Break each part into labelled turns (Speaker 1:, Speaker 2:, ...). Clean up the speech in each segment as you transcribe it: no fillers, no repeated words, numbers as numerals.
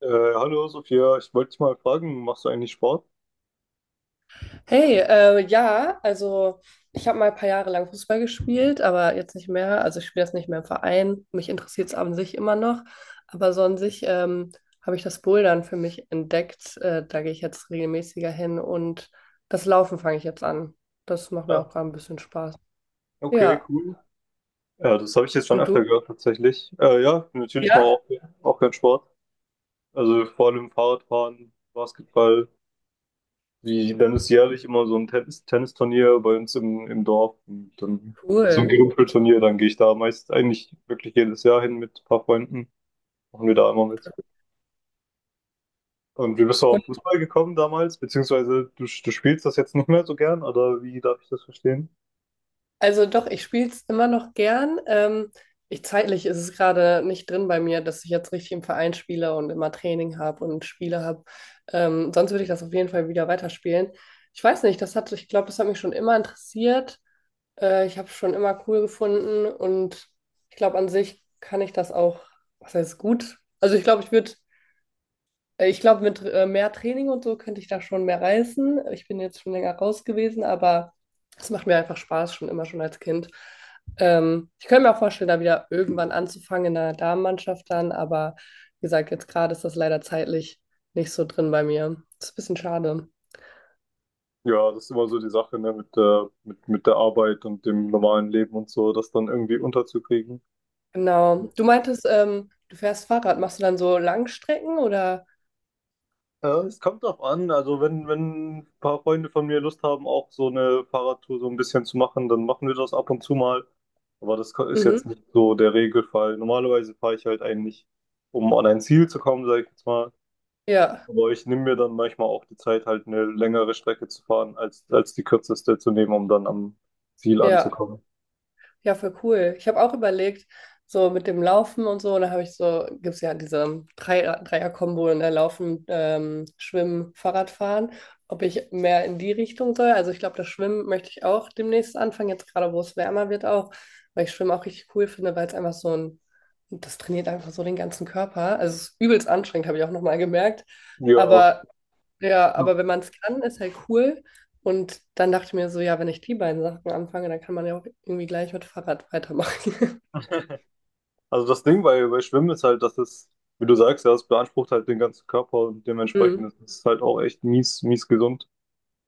Speaker 1: Äh, Hallo Sophia, ich wollte dich mal fragen, machst du eigentlich Sport?
Speaker 2: Hey, ja, also ich habe mal ein paar Jahre lang Fußball gespielt, aber jetzt nicht mehr. Also ich spiele das nicht mehr im Verein. Mich interessiert es an sich immer noch. Aber so an sich habe ich das Bouldern für mich entdeckt. Da gehe ich jetzt regelmäßiger hin und das Laufen fange ich jetzt an. Das macht mir auch
Speaker 1: Ja,
Speaker 2: gerade ein bisschen Spaß.
Speaker 1: okay,
Speaker 2: Ja.
Speaker 1: cool. Ja, das habe ich jetzt schon
Speaker 2: Und
Speaker 1: öfter
Speaker 2: du?
Speaker 1: gehört tatsächlich. Ja, natürlich mal
Speaker 2: Ja.
Speaker 1: auch, auch gern Sport. Also vor allem Fahrradfahren, Basketball. Wie, dann ist jährlich immer so ein Tennisturnier bei uns im Dorf. Und dann so ein
Speaker 2: Cool.
Speaker 1: Gerümpelturnier, dann gehe ich da meist eigentlich wirklich jedes Jahr hin mit ein paar Freunden. Machen wir da immer mit. Und wie bist du auf Fußball gekommen damals? Beziehungsweise du spielst das jetzt nicht mehr so gern, oder wie darf ich das verstehen?
Speaker 2: Also doch, ich spiele es immer noch gern. Zeitlich ist es gerade nicht drin bei mir, dass ich jetzt richtig im Verein spiele und immer Training habe und Spiele habe. Sonst würde ich das auf jeden Fall wieder weiterspielen. Ich weiß nicht, das hat, Ich glaube, das hat mich schon immer interessiert. Ich habe es schon immer cool gefunden und ich glaube, an sich kann ich das auch, was heißt gut? Also ich glaube, ich würde mit mehr Training und so könnte ich da schon mehr reißen. Ich bin jetzt schon länger raus gewesen, aber es macht mir einfach Spaß, schon immer schon als Kind. Ich könnte mir auch vorstellen, da wieder irgendwann anzufangen in der Damenmannschaft dann, aber wie gesagt, jetzt gerade ist das leider zeitlich nicht so drin bei mir. Ist ein bisschen schade.
Speaker 1: Ja, das ist immer so die Sache, ne, mit der Arbeit und dem normalen Leben und so, das dann irgendwie unterzukriegen.
Speaker 2: Genau. Du meintest, du fährst Fahrrad. Machst du dann so Langstrecken oder?
Speaker 1: Ja, es kommt drauf an. Also wenn ein paar Freunde von mir Lust haben, auch so eine Fahrradtour so ein bisschen zu machen, dann machen wir das ab und zu mal. Aber das ist jetzt nicht
Speaker 2: Mhm.
Speaker 1: so der Regelfall. Normalerweise fahre ich halt eigentlich, um an ein Ziel zu kommen, sage ich jetzt mal.
Speaker 2: Ja,
Speaker 1: Aber ich nehme mir dann manchmal auch die Zeit, halt eine längere Strecke zu fahren, als die kürzeste zu nehmen, um dann am Ziel
Speaker 2: ja.
Speaker 1: anzukommen.
Speaker 2: Ja, voll cool. Ich habe auch überlegt, so mit dem Laufen und so, und da habe ich so, gibt es ja diese Dreier-Kombo, ne, Laufen, Schwimmen, Fahrradfahren, ob ich mehr in die Richtung soll. Also ich glaube, das Schwimmen möchte ich auch demnächst anfangen, jetzt gerade wo es wärmer wird auch, weil ich Schwimmen auch richtig cool finde, weil es einfach so ein, das trainiert einfach so den ganzen Körper. Also es ist übelst anstrengend, habe ich auch nochmal gemerkt.
Speaker 1: Ja,
Speaker 2: Aber ja,
Speaker 1: ja.
Speaker 2: aber wenn man es kann, ist halt cool. Und dann dachte ich mir so, ja, wenn ich die beiden Sachen anfange, dann kann man ja auch irgendwie gleich mit Fahrrad weitermachen.
Speaker 1: Also das Ding bei Schwimmen ist halt, dass es, wie du sagst, ja, es beansprucht halt den ganzen Körper und
Speaker 2: Hm.
Speaker 1: dementsprechend ist es halt auch echt mies, mies gesund.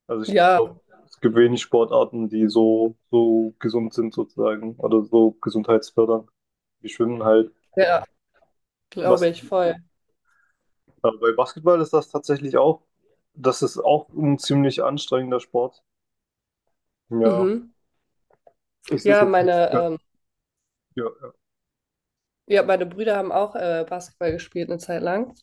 Speaker 1: Also ich
Speaker 2: Ja,
Speaker 1: glaube, es gibt wenig Sportarten, die so, so gesund sind sozusagen oder so gesundheitsfördernd wie Schwimmen halt.
Speaker 2: ja,
Speaker 1: Was,
Speaker 2: glaube ich, voll.
Speaker 1: bei Basketball ist das tatsächlich auch, das ist auch ein ziemlich anstrengender Sport. Ja,
Speaker 2: Mhm.
Speaker 1: es ist
Speaker 2: Ja,
Speaker 1: jetzt nicht,
Speaker 2: meine,
Speaker 1: ja,
Speaker 2: ähm,
Speaker 1: ja, ja.
Speaker 2: ja, meine Brüder haben auch Basketball gespielt eine Zeit lang. Und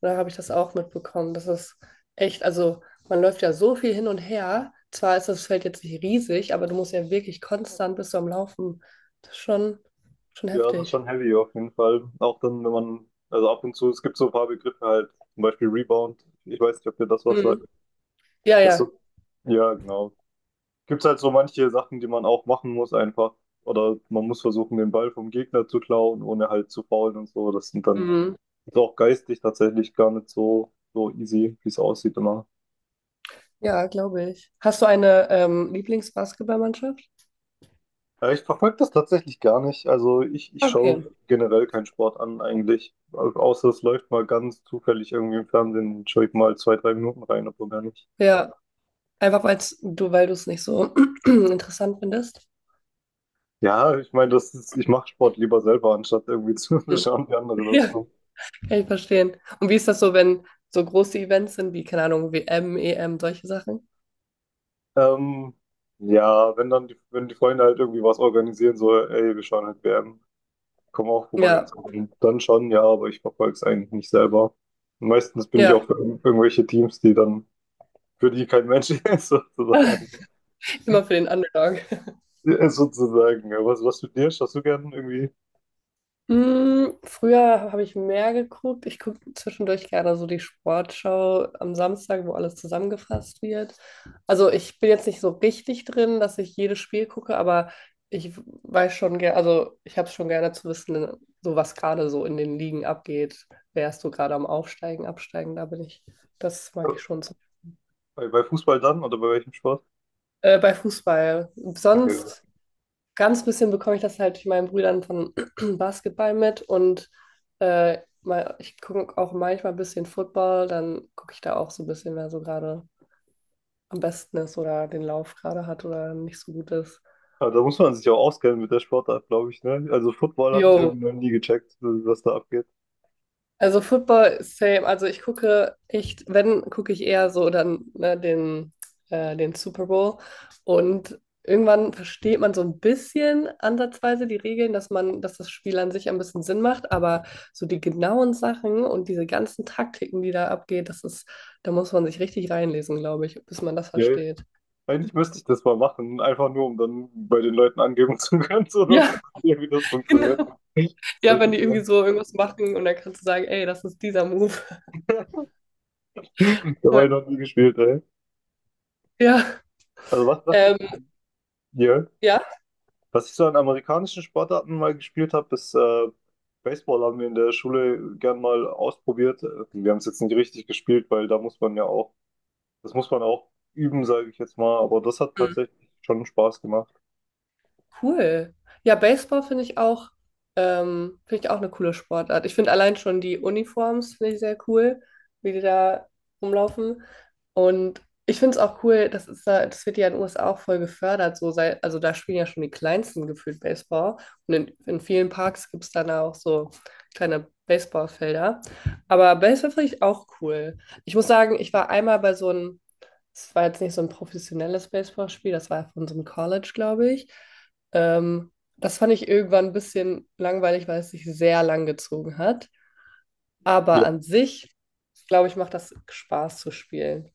Speaker 2: da habe ich das auch mitbekommen. Das ist echt, also man läuft ja so viel hin und her. Zwar ist das Feld jetzt nicht riesig, aber du musst ja wirklich konstant bist du am Laufen. Das ist schon, schon
Speaker 1: Ja, das ist
Speaker 2: heftig.
Speaker 1: schon heavy auf jeden Fall. Auch dann, wenn man, also ab und zu, es gibt so ein paar Begriffe halt, zum Beispiel Rebound. Ich weiß nicht, ob dir das was sagt.
Speaker 2: Mhm. Ja,
Speaker 1: Das
Speaker 2: ja.
Speaker 1: so, ja, genau. Gibt's halt so manche Sachen, die man auch machen muss einfach. Oder man muss versuchen, den Ball vom Gegner zu klauen, ohne halt zu foulen und so. Das sind dann
Speaker 2: Mhm.
Speaker 1: ist auch geistig tatsächlich gar nicht so, so easy, wie es aussieht immer.
Speaker 2: Ja, glaube ich. Hast du eine Lieblingsbasketballmannschaft?
Speaker 1: Ich verfolge das tatsächlich gar nicht. Also ich
Speaker 2: Okay.
Speaker 1: schaue generell keinen Sport an eigentlich. Außer es läuft mal ganz zufällig irgendwie im Fernsehen, schaue ich mal zwei, drei Minuten rein, aber gar nicht.
Speaker 2: Ja, einfach weil du es nicht so interessant findest.
Speaker 1: Ja, ich meine, das ist, ich mache Sport lieber selber, anstatt irgendwie zu
Speaker 2: Hm.
Speaker 1: schauen, wie andere das
Speaker 2: Ja,
Speaker 1: tun.
Speaker 2: kann ich verstehen. Und wie ist das so, wenn so große Events sind, wie, keine Ahnung, WM, EM, solche Sachen?
Speaker 1: Ähm, ja, wenn dann die, wenn die Freunde halt irgendwie was organisieren, so, ey, wir schauen halt WM, komm auch vorbei und
Speaker 2: Ja,
Speaker 1: so, dann, dann schon, ja, aber ich verfolge es eigentlich nicht selber. Und meistens bin ich
Speaker 2: ja,
Speaker 1: auch für irgendwelche Teams, die dann, für die kein Mensch ist, sozusagen.
Speaker 2: immer für den Underdog.
Speaker 1: Ja, sozusagen. Ja, was, was studierst du? Hast du gern irgendwie
Speaker 2: Mm, früher habe ich mehr geguckt. Ich gucke zwischendurch gerne so die Sportschau am Samstag, wo alles zusammengefasst wird. Also ich bin jetzt nicht so richtig drin, dass ich jedes Spiel gucke, aber ich weiß schon gerne, also ich habe es schon gerne zu wissen, so was gerade so in den Ligen abgeht. Wer ist so gerade am Aufsteigen, Absteigen, da bin ich. Das mag ich schon so.
Speaker 1: bei Fußball dann oder bei welchem Sport?
Speaker 2: Bei Fußball.
Speaker 1: Okay.
Speaker 2: Sonst ganz bisschen bekomme ich das halt durch meinen Brüdern von Basketball mit und ich gucke auch manchmal ein bisschen Football, dann gucke ich da auch so ein bisschen, wer so gerade am besten ist oder den Lauf gerade hat oder nicht so gut ist.
Speaker 1: Aber da muss man sich auch auskennen mit der Sportart, glaube ich, ne? Also Football habe ich
Speaker 2: Jo,
Speaker 1: irgendwie noch nie gecheckt, was da abgeht.
Speaker 2: also Football, same. Also ich gucke echt, wenn, gucke ich eher so dann ne, den Super Bowl. Und irgendwann versteht man so ein bisschen ansatzweise die Regeln, dass man, dass das Spiel an sich ein bisschen Sinn macht. Aber so die genauen Sachen und diese ganzen Taktiken, die da abgeht, das ist, da muss man sich richtig reinlesen, glaube ich, bis man das
Speaker 1: Ja.
Speaker 2: versteht.
Speaker 1: Eigentlich müsste ich das mal machen, einfach nur, um dann bei den Leuten angeben zu können, so dass
Speaker 2: Ja,
Speaker 1: ja, wie das funktioniert.
Speaker 2: genau. Ja,
Speaker 1: Das
Speaker 2: wenn die
Speaker 1: ist,
Speaker 2: irgendwie
Speaker 1: ja,
Speaker 2: so irgendwas machen und dann kannst du sagen, ey, das ist dieser Move.
Speaker 1: dabei noch nie gespielt, ey.
Speaker 2: Ja.
Speaker 1: Also was, was ich,
Speaker 2: Ähm,
Speaker 1: ja.
Speaker 2: ja.
Speaker 1: Was ich so an amerikanischen Sportarten mal gespielt habe, ist Baseball haben wir in der Schule gern mal ausprobiert. Wir haben es jetzt nicht richtig gespielt, weil da muss man ja auch, das muss man auch üben, sage ich jetzt mal. Aber das hat tatsächlich schon Spaß gemacht.
Speaker 2: Cool. Ja, Baseball finde ich auch eine coole Sportart. Ich finde allein schon die Uniforms finde ich sehr cool, wie die da rumlaufen. Und ich finde es auch cool, das ist da, das wird ja in den USA auch voll gefördert. So sei, also da spielen ja schon die Kleinsten gefühlt Baseball. Und in vielen Parks gibt es dann auch so kleine Baseballfelder. Aber Baseball finde ich auch cool. Ich muss sagen, ich war einmal bei so einem, es war jetzt nicht so ein professionelles Baseballspiel, das war von so einem College, glaube ich. Ähm, Das fand ich irgendwann ein bisschen langweilig, weil es sich sehr lang gezogen hat. Aber
Speaker 1: Ja,
Speaker 2: an sich, glaube ich, macht das Spaß zu spielen.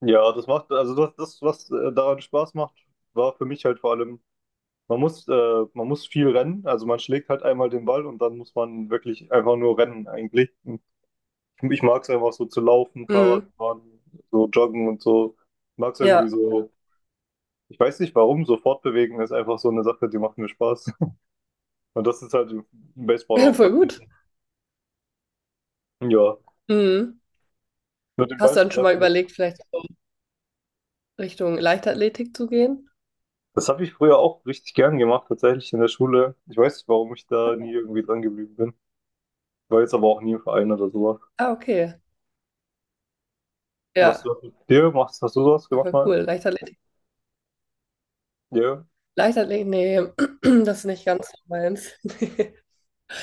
Speaker 1: ja, das macht, also das, das, was daran Spaß macht, war für mich halt vor allem, man muss viel rennen. Also man schlägt halt einmal den Ball und dann muss man wirklich einfach nur rennen eigentlich. Ich mag es einfach so zu laufen, Fahrrad
Speaker 2: Mhm.
Speaker 1: fahren, so joggen und so. Ich mag es
Speaker 2: Ja,
Speaker 1: irgendwie so. Ich weiß nicht warum, so fortbewegen ist einfach so eine Sache, die macht mir Spaß. Und das ist halt im Baseball auch
Speaker 2: voll gut.
Speaker 1: vertreten. Ja,
Speaker 2: Mhm.
Speaker 1: nur den
Speaker 2: Hast
Speaker 1: Ball
Speaker 2: du
Speaker 1: zu
Speaker 2: dann schon mal
Speaker 1: treffen, das,
Speaker 2: überlegt, vielleicht so Richtung Leichtathletik zu gehen?
Speaker 1: das habe ich früher auch richtig gern gemacht, tatsächlich in der Schule. Ich weiß nicht, warum ich da nie irgendwie dran geblieben bin. Ich war jetzt aber auch nie im Verein oder sowas.
Speaker 2: Ah, okay.
Speaker 1: Was
Speaker 2: Ja,
Speaker 1: du mit dir machst, hast du sowas
Speaker 2: ja,
Speaker 1: gemacht
Speaker 2: voll
Speaker 1: mal?
Speaker 2: cool. Leichtathletik
Speaker 1: Ja.
Speaker 2: Leichtathletik, nee, das ist nicht ganz so meins. Nee.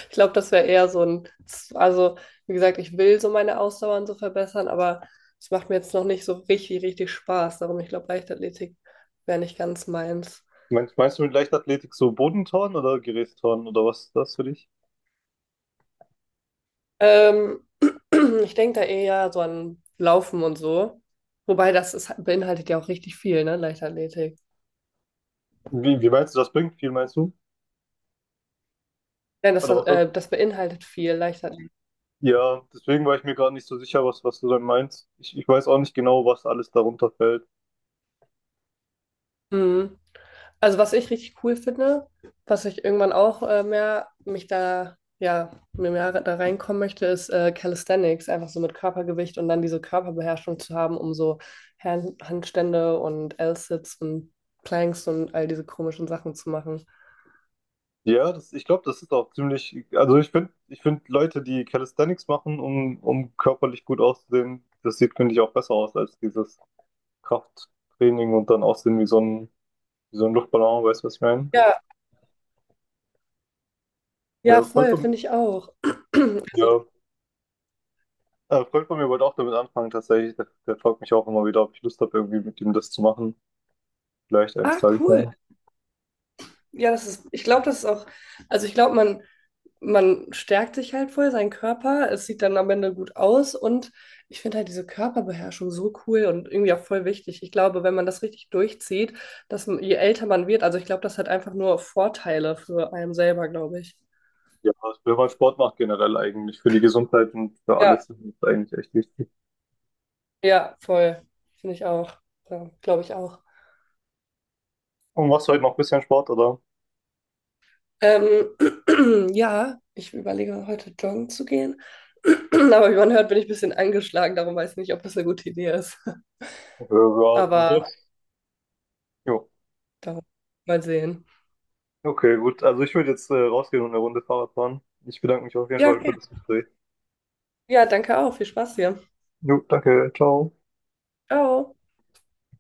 Speaker 2: Ich glaube, das wäre eher so ein, also wie gesagt, ich will so meine Ausdauer und so verbessern, aber es macht mir jetzt noch nicht so richtig Spaß. Darum, ich glaube, Leichtathletik wäre nicht ganz meins.
Speaker 1: Meinst du mit Leichtathletik so Bodenturnen oder Gerätturnen oder was ist das für dich?
Speaker 2: Ähm, Ich denke da eher so an Laufen und so. Wobei das ist, beinhaltet ja auch richtig viel, ne, Leichtathletik.
Speaker 1: Wie meinst du, das bringt viel, meinst du? Oder was ist.
Speaker 2: Das beinhaltet viel.
Speaker 1: Ja, deswegen war ich mir gerade nicht so sicher, was du dann meinst. Ich weiß auch nicht genau, was alles darunter fällt.
Speaker 2: Mhm. Also was ich richtig cool finde, was ich irgendwann auch mehr mich da, ja, mir mehr da reinkommen möchte, ist Calisthenics, einfach so mit Körpergewicht und dann diese Körperbeherrschung zu haben, um so Handstände und L-Sits und Planks und all diese komischen Sachen zu machen.
Speaker 1: Ja, das, ich glaube, das ist auch ziemlich, also ich finde Leute, die Calisthenics machen, um körperlich gut auszusehen, das sieht, finde ich, auch besser aus als dieses Krafttraining und dann aussehen wie so ein Luftballon, weißt du, was ich meine?
Speaker 2: Ja, ja,
Speaker 1: Ja, Freund
Speaker 2: voll,
Speaker 1: von,
Speaker 2: finde ich auch. Also,
Speaker 1: ja, Freund von mir wollte auch damit anfangen, tatsächlich. Der fragt mich auch immer wieder, ob ich Lust habe, irgendwie mit ihm das zu machen. Vielleicht eines
Speaker 2: ah,
Speaker 1: Tages,
Speaker 2: cool.
Speaker 1: ja.
Speaker 2: Ja, das ist, ich glaube, das ist auch, also ich glaube, man stärkt sich halt voll, seinen Körper, es sieht dann am Ende gut aus und ich finde halt diese Körperbeherrschung so cool und irgendwie auch voll wichtig. Ich glaube, wenn man das richtig durchzieht, dass man- je älter man wird, also ich glaube, das hat einfach nur Vorteile für einen selber, glaube ich.
Speaker 1: Ja, wenn man Sport macht generell eigentlich für die Gesundheit und für
Speaker 2: Ja,
Speaker 1: alles ist es eigentlich echt wichtig.
Speaker 2: ja, voll. Finde ich auch. Ja, glaube ich auch.
Speaker 1: Und machst du heute noch ein bisschen Sport, oder?
Speaker 2: Ähm, ja, ich überlege heute joggen zu gehen. Aber wie man hört, bin ich ein bisschen angeschlagen, darum weiß ich nicht, ob das eine gute Idee ist.
Speaker 1: Ja, ja, dann
Speaker 2: Aber
Speaker 1: das. Jo.
Speaker 2: darum mal sehen.
Speaker 1: Okay, gut. Also ich würde jetzt rausgehen und eine Runde Fahrrad fahren. Ich bedanke mich auf jeden
Speaker 2: Ja,
Speaker 1: Fall
Speaker 2: okay.
Speaker 1: für das Gespräch.
Speaker 2: Ja, danke auch. Viel Spaß hier.
Speaker 1: Jo, danke. Ciao.
Speaker 2: Ciao.